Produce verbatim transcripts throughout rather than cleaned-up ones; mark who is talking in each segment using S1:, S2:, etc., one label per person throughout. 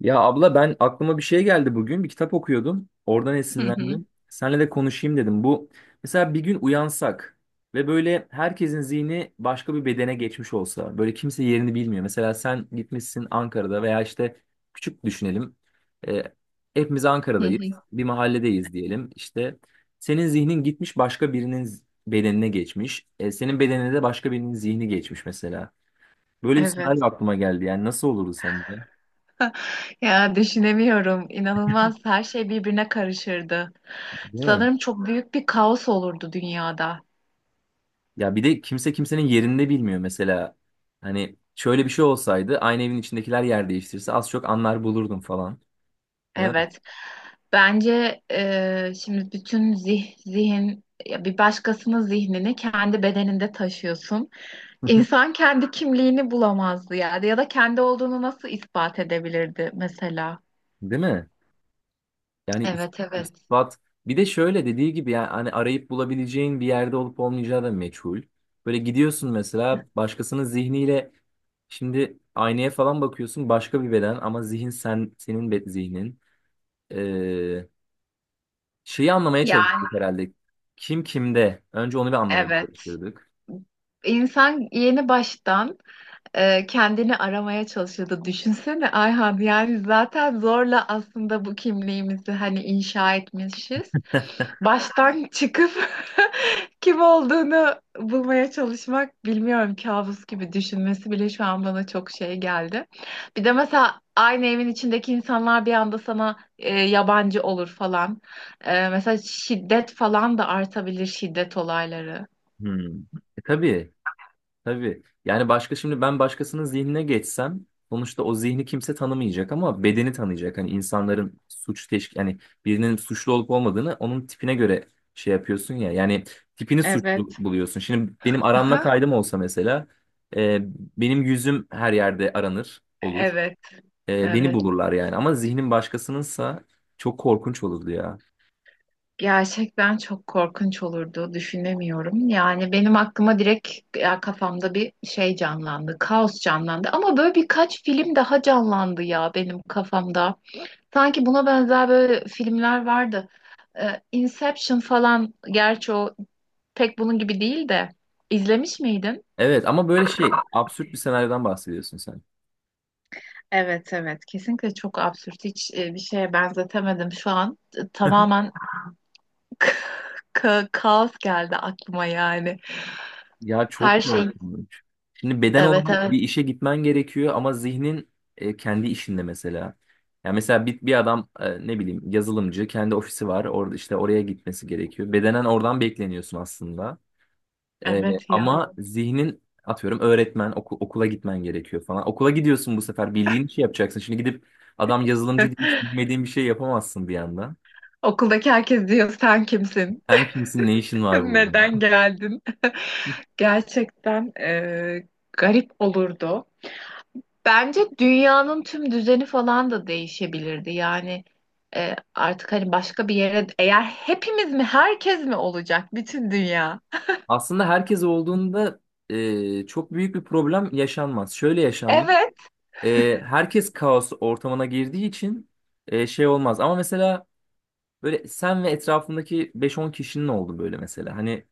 S1: Ya abla ben aklıma bir şey geldi bugün. Bir kitap okuyordum. Oradan
S2: Hı hı,
S1: esinlendim. Seninle de konuşayım dedim. Bu mesela bir gün uyansak ve böyle herkesin zihni başka bir bedene geçmiş olsa. Böyle kimse yerini bilmiyor. Mesela sen gitmişsin Ankara'da veya işte küçük düşünelim. Ee, Hepimiz
S2: hı
S1: Ankara'dayız.
S2: hı.
S1: Bir mahalledeyiz diyelim. İşte senin zihnin gitmiş başka birinin z- bedenine geçmiş. Ee, senin bedenine de başka birinin zihni geçmiş mesela. Böyle bir
S2: Evet.
S1: senaryo aklıma geldi. Yani nasıl olurdu sence?
S2: Ya aslında birbirine karışırdı.
S1: Değil mi?
S2: Sanırım çok büyük bir kaos olurdu dünyada.
S1: Ya bir de kimse kimsenin yerinde bilmiyor mesela. Hani şöyle bir şey olsaydı aynı evin içindekiler yer değiştirse az çok anlar bulurdum falan. Değil mi?
S2: Evet. Bence tüm zih, zihin ya bir başkasının zihnini kendi bedeninde taşıyorsun.
S1: Hı hı.
S2: İnsan kendi kimliğini bulamazdı yani ya da kendi olduğunu nasıl ispat edebilirdi mesela?
S1: Değil mi? Yani is-
S2: Evet evet.
S1: ispat bir de şöyle dediği gibi yani hani arayıp bulabileceğin bir yerde olup olmayacağı da meçhul. Böyle gidiyorsun mesela başkasının zihniyle şimdi aynaya falan bakıyorsun başka bir beden ama zihin sen senin be- zihnin. Ee, Şeyi anlamaya
S2: Yani
S1: çalışıyorduk herhalde. Kim kimde? Önce onu bir anlamaya
S2: evet.
S1: çalışıyorduk.
S2: İnsan yeni baştan e, kendini aramaya çalışıyordu. Düşünsene Ayhan yani zaten zorla aslında bu kimliğimizi hani inşa etmişiz. Baştan çıkıp kim olduğunu bulmaya çalışmak bilmiyorum, kabus gibi. Düşünmesi bile şu an bana çok şey geldi. Bir de mesela aynı evin içindeki insanlar bir anda sana e, yabancı olur falan. E, mesela şiddet falan da artabilir, şiddet olayları.
S1: Hmm. E, tabii, tabii. Yani başka şimdi ben başkasının zihnine geçsem sonuçta o zihni kimse tanımayacak ama bedeni tanıyacak. Hani insanların suç teşkil yani birinin suçlu olup olmadığını onun tipine göre şey yapıyorsun ya. Yani tipini suçlu
S2: Evet.
S1: buluyorsun. Şimdi benim aranma
S2: Aha.
S1: kaydım olsa mesela e, benim yüzüm her yerde aranır olur.
S2: Evet,
S1: E, beni
S2: evet.
S1: bulurlar yani ama zihnin başkasınınsa çok korkunç olurdu ya.
S2: Gerçekten çok korkunç olurdu, düşünemiyorum. Yani benim aklıma direkt ya kafamda bir şey canlandı, kaos canlandı. Ama böyle birkaç film daha canlandı ya benim kafamda. Sanki buna benzer böyle filmler vardı. Ee, Inception falan, gerçi o pek bunun gibi değil de. İzlemiş miydin?
S1: Evet ama böyle şey absürt bir senaryodan bahsediyorsun sen.
S2: Evet evet, kesinlikle çok absürt, hiç e, bir şeye benzetemedim şu an. E, tamamen ka- kaos geldi aklıma yani,
S1: Ya
S2: her
S1: çok
S2: şey.
S1: korkunç. Şimdi beden
S2: Evet
S1: olarak bir
S2: evet.
S1: işe gitmen gerekiyor ama zihnin e, kendi işinde mesela. Yani mesela bir, bir adam, e, ne bileyim, yazılımcı, kendi ofisi var orada işte oraya gitmesi gerekiyor. Bedenen oradan bekleniyorsun aslında. E,
S2: Evet ya.
S1: Ama zihnin atıyorum öğretmen, oku- okula gitmen gerekiyor falan. Okula gidiyorsun bu sefer bildiğin işi yapacaksın. Şimdi gidip adam yazılımcı diye hiç bilmediğin bir şey yapamazsın bir anda.
S2: Okuldaki herkes diyor, sen kimsin?
S1: Sen kimsin, ne işin var burada?
S2: Neden geldin? Gerçekten e, garip olurdu. Bence dünyanın tüm düzeni falan da değişebilirdi. Yani e, artık hani başka bir yere, eğer hepimiz mi herkes mi olacak bütün dünya?
S1: Aslında herkes olduğunda e, çok büyük bir problem yaşanmaz. Şöyle yaşanmaz.
S2: Evet,
S1: E, herkes kaos ortamına girdiği için e, şey olmaz. Ama mesela böyle sen ve etrafındaki beş on kişinin oldu böyle mesela. Hani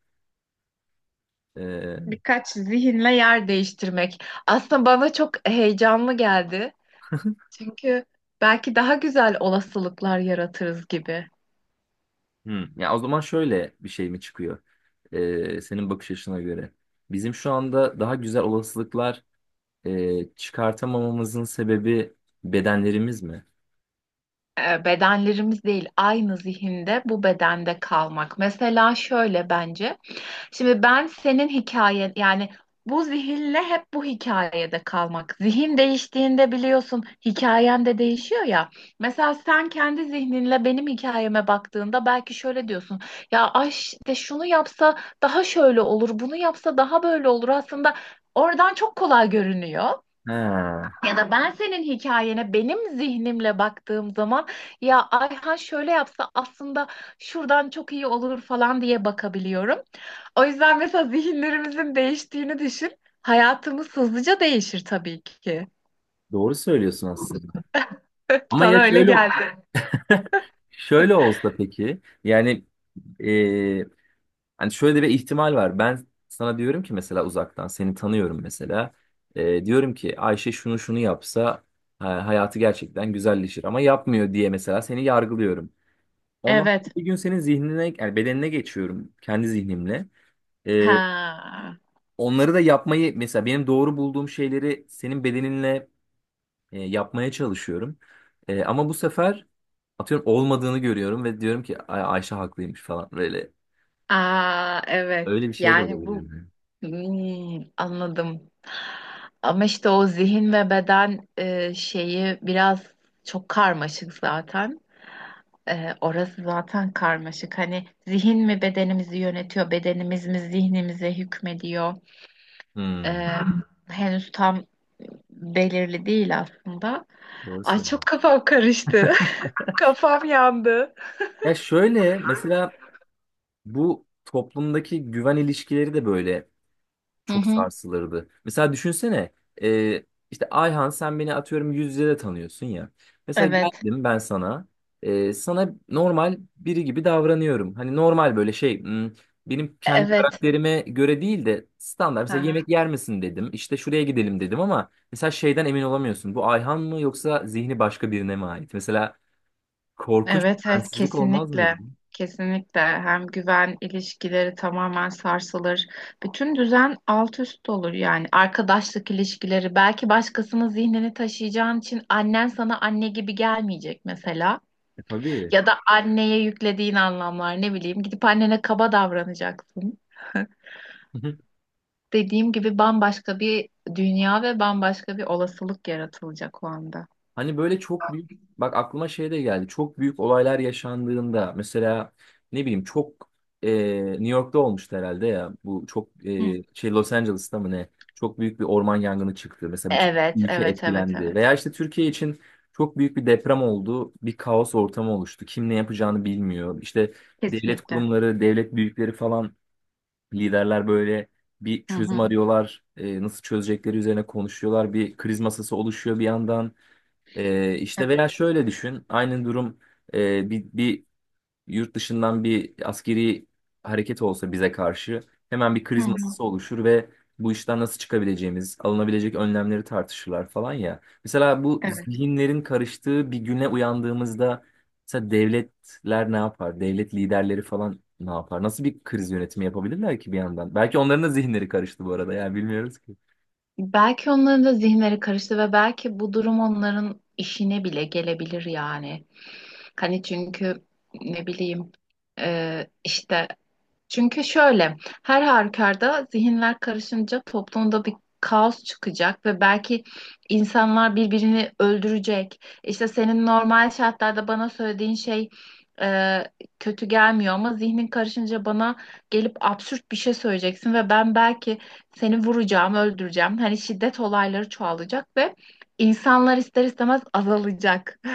S1: e,
S2: birkaç zihinle yer değiştirmek. Aslında bana çok heyecanlı geldi. Çünkü belki daha güzel olasılıklar yaratırız gibi.
S1: hmm, ya o zaman şöyle bir şey mi çıkıyor? E, senin bakış açına göre. Bizim şu anda daha güzel olasılıklar e, çıkartamamamızın sebebi bedenlerimiz mi?
S2: E, bedenlerimiz değil, aynı zihinde bu bedende kalmak. Mesela şöyle bence. Şimdi ben senin hikayen yani bu zihinle hep bu hikayede kalmak. Zihin değiştiğinde biliyorsun hikayen de değişiyor ya. Mesela sen kendi zihninle benim hikayeme baktığında belki şöyle diyorsun. Ya ay işte şunu yapsa daha şöyle olur, bunu yapsa daha böyle olur. Aslında oradan çok kolay görünüyor.
S1: Ha,
S2: Ya da ben senin hikayene benim zihnimle baktığım zaman, ya Ayhan şöyle yapsa aslında şuradan çok iyi olur falan diye bakabiliyorum. O yüzden mesela zihinlerimizin değiştiğini düşün. Hayatımız hızlıca değişir tabii ki.
S1: doğru söylüyorsun aslında. Ama ya
S2: Sana öyle
S1: şöyle
S2: geldi.
S1: şöyle olsa peki yani, e, hani şöyle bir ihtimal var. Ben sana diyorum ki mesela uzaktan seni tanıyorum mesela. E, diyorum ki Ayşe şunu şunu yapsa ha- hayatı gerçekten güzelleşir ama yapmıyor diye mesela seni yargılıyorum. Ondan
S2: Evet.
S1: sonra bir gün senin zihnine yani bedenine geçiyorum kendi zihnimle. E,
S2: Ha.
S1: Onları da yapmayı mesela benim doğru bulduğum şeyleri senin bedeninle e, yapmaya çalışıyorum. E, ama bu sefer atıyorum olmadığını görüyorum ve diyorum ki Ay Ayşe haklıymış falan böyle.
S2: Aa, evet.
S1: Öyle bir şey de
S2: Yani
S1: olabilir
S2: bu.
S1: mi?
S2: Hmm, anladım. Ama işte o zihin ve beden e, şeyi biraz çok karmaşık zaten. Ee, orası zaten karmaşık. Hani zihin mi bedenimizi yönetiyor, bedenimiz mi zihnimize hükmediyor?
S1: Hmm,
S2: Ee, Henüz tam belirli değil aslında.
S1: doğru
S2: Ay çok
S1: söylüyorsun.
S2: kafam karıştı. Kafam yandı.
S1: Ya şöyle mesela bu toplumdaki güven ilişkileri de böyle
S2: Hı
S1: çok
S2: hı.
S1: sarsılırdı. Mesela düşünsene, e, işte Ayhan sen beni atıyorum yüz yüze de tanıyorsun ya. Mesela
S2: Evet,
S1: geldim ben sana, e, sana normal biri gibi davranıyorum. Hani normal böyle şey, hmm, benim kendi
S2: evet.
S1: karakterime göre değil de standart.
S2: Hı
S1: Mesela
S2: hı.
S1: yemek yer misin dedim işte şuraya gidelim dedim ama mesela şeyden emin olamıyorsun. Bu Ayhan mı yoksa zihni başka birine mi ait? Mesela korkunç
S2: Evet,
S1: bir
S2: evet
S1: bensizlik olmaz mıydı?
S2: kesinlikle. Kesinlikle hem güven ilişkileri tamamen sarsılır. Bütün düzen alt üst olur yani, arkadaşlık ilişkileri. Belki başkasının zihnini taşıyacağın için annen sana anne gibi gelmeyecek mesela.
S1: E, tabii.
S2: Ya da anneye yüklediğin anlamlar, ne bileyim gidip annene kaba davranacaksın. Dediğim gibi bambaşka bir dünya ve bambaşka bir olasılık yaratılacak o anda.
S1: Hani böyle çok büyük, bak aklıma şey de geldi. Çok büyük olaylar yaşandığında mesela ne bileyim çok e, New York'ta olmuştu herhalde ya. Bu çok
S2: Hı.
S1: e, şey Los Angeles'ta mı ne? Çok büyük bir orman yangını çıktı. Mesela bütün
S2: Evet,
S1: ülke
S2: evet, evet,
S1: etkilendi.
S2: evet.
S1: Veya işte Türkiye için çok büyük bir deprem oldu. Bir kaos ortamı oluştu. Kim ne yapacağını bilmiyor. İşte devlet
S2: Kesinlikle.
S1: kurumları, devlet büyükleri falan, liderler böyle bir
S2: Hı
S1: çözüm
S2: hı.
S1: arıyorlar. E, nasıl çözecekleri üzerine konuşuyorlar. Bir kriz masası oluşuyor bir yandan. Ee, işte veya
S2: Evet.
S1: şöyle düşün, aynı durum, e, bir, bir yurt dışından bir askeri hareket olsa bize karşı, hemen bir
S2: Hı
S1: kriz
S2: hı.
S1: masası oluşur ve bu işten nasıl çıkabileceğimiz, alınabilecek önlemleri tartışırlar falan ya. Mesela bu
S2: Evet.
S1: zihinlerin karıştığı bir güne uyandığımızda mesela devletler ne yapar, devlet liderleri falan ne yapar, nasıl bir kriz yönetimi yapabilirler ki bir yandan? Belki onların da zihinleri karıştı bu arada yani bilmiyoruz ki.
S2: Belki onların da zihinleri karıştı ve belki bu durum onların işine bile gelebilir yani. Hani çünkü ne bileyim e, işte, çünkü şöyle, her halükarda zihinler karışınca toplumda bir kaos çıkacak ve belki insanlar birbirini öldürecek. İşte senin normal şartlarda bana söylediğin şey e, kötü gelmiyor ama zihnin karışınca bana gelip absürt bir şey söyleyeceksin ve ben belki seni vuracağım, öldüreceğim. Hani şiddet olayları çoğalacak ve insanlar ister istemez azalacak.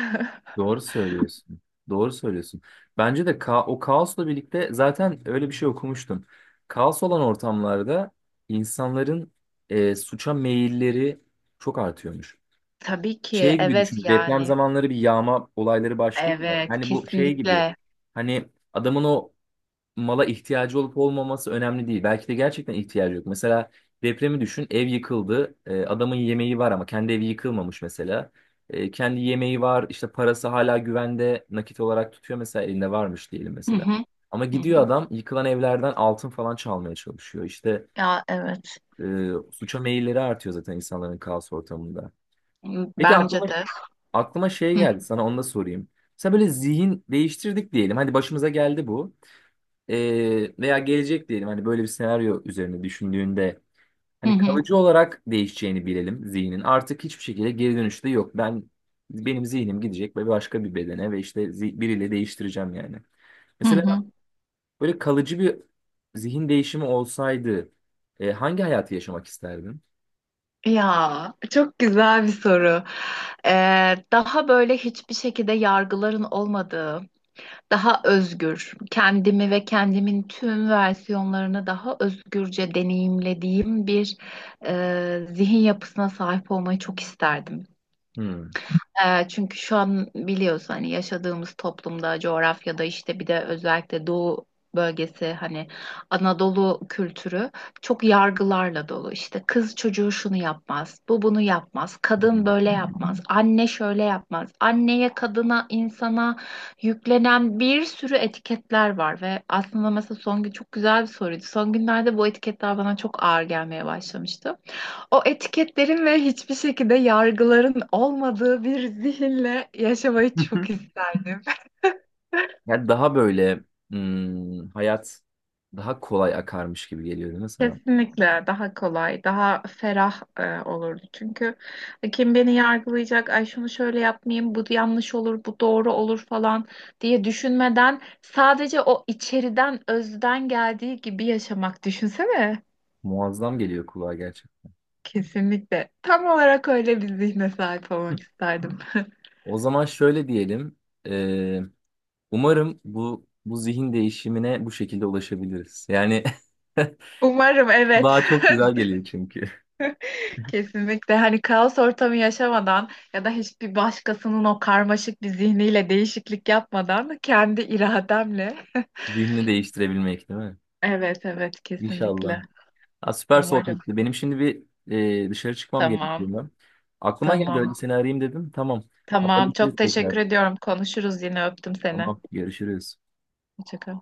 S1: Doğru söylüyorsun. Doğru söylüyorsun. Bence de ka o kaosla birlikte zaten öyle bir şey okumuştum. Kaos olan ortamlarda insanların e, suça meyilleri çok artıyormuş.
S2: Tabii ki
S1: Şey gibi
S2: evet
S1: düşün. Deprem
S2: yani.
S1: zamanları bir yağma olayları başlıyor ya.
S2: Evet,
S1: Yani bu şey gibi.
S2: kesinlikle.
S1: Hani adamın o mala ihtiyacı olup olmaması önemli değil. Belki de gerçekten ihtiyacı yok. Mesela depremi düşün, ev yıkıldı. E, adamın yemeği var ama kendi evi yıkılmamış mesela. E, kendi yemeği var, işte parası hala güvende nakit olarak tutuyor mesela elinde varmış diyelim
S2: Hı
S1: mesela.
S2: hı,
S1: Ama
S2: hı
S1: gidiyor
S2: hı.
S1: adam yıkılan evlerden altın falan çalmaya çalışıyor. İşte
S2: Ya evet.
S1: e, Suça meyilleri artıyor zaten insanların kaos ortamında. Peki
S2: Bence
S1: aklıma
S2: de.
S1: aklıma şey
S2: Hı
S1: geldi, sana onu da sorayım. Mesela böyle zihin değiştirdik diyelim. Hadi başımıza geldi bu. Ee, veya gelecek diyelim, hani böyle bir senaryo üzerine düşündüğünde hani
S2: hı,
S1: kalıcı olarak değişeceğini bilelim zihnin. Artık hiçbir şekilde geri dönüşü de yok. Ben benim zihnim gidecek ve başka bir bedene ve işte zi- biriyle değiştireceğim yani.
S2: hı
S1: Mesela
S2: hı.
S1: böyle kalıcı bir zihin değişimi olsaydı e, hangi hayatı yaşamak isterdin?
S2: Ya çok güzel bir soru. Ee, daha böyle hiçbir şekilde yargıların olmadığı, daha özgür, kendimi ve kendimin tüm versiyonlarını daha özgürce deneyimlediğim bir e, zihin yapısına sahip olmayı çok isterdim.
S1: Hmm.
S2: Ee, çünkü şu an biliyorsun hani yaşadığımız toplumda, coğrafyada, işte bir de özellikle Doğu bölgesi, hani Anadolu kültürü çok yargılarla dolu. İşte kız çocuğu şunu yapmaz, bu bunu yapmaz, kadın
S1: Hmm.
S2: böyle yapmaz, anne şöyle yapmaz. Anneye, kadına, insana yüklenen bir sürü etiketler var ve aslında, mesela Songül, çok güzel bir soruydu. Son günlerde bu etiketler bana çok ağır gelmeye başlamıştı. O etiketlerin ve hiçbir şekilde yargıların olmadığı bir zihinle yaşamayı çok isterdim.
S1: Yani daha böyle, hmm, hayat daha kolay akarmış gibi geliyor değil mi sana?
S2: Kesinlikle daha kolay, daha ferah e, olurdu. Çünkü kim beni yargılayacak, ay şunu şöyle yapmayayım, bu yanlış olur, bu doğru olur falan diye düşünmeden sadece o içeriden, özden geldiği gibi yaşamak, düşünsene.
S1: Muazzam geliyor kulağa gerçekten.
S2: Kesinlikle. Tam olarak öyle bir zihne sahip olmak isterdim.
S1: O zaman şöyle diyelim. Umarım bu bu zihin değişimine bu şekilde ulaşabiliriz. Yani
S2: Umarım, evet.
S1: daha çok güzel geliyor çünkü.
S2: Kesinlikle, hani kaos ortamı yaşamadan ya da hiçbir başkasının o karmaşık bir zihniyle değişiklik yapmadan, kendi irademle.
S1: Zihnini değiştirebilmek değil mi?
S2: Evet evet, kesinlikle.
S1: İnşallah. Ha, süper
S2: Umarım.
S1: sohbetti. Benim şimdi bir, e, dışarı çıkmam
S2: Tamam,
S1: gerekiyor. Aklıma geldi
S2: tamam,
S1: öyle seni arayayım dedim. Tamam.
S2: tamam. Çok
S1: Haberleşiriz tekrar.
S2: teşekkür ediyorum. Konuşuruz yine, öptüm seni.
S1: Tamam. Görüşürüz.
S2: Hoşça kal.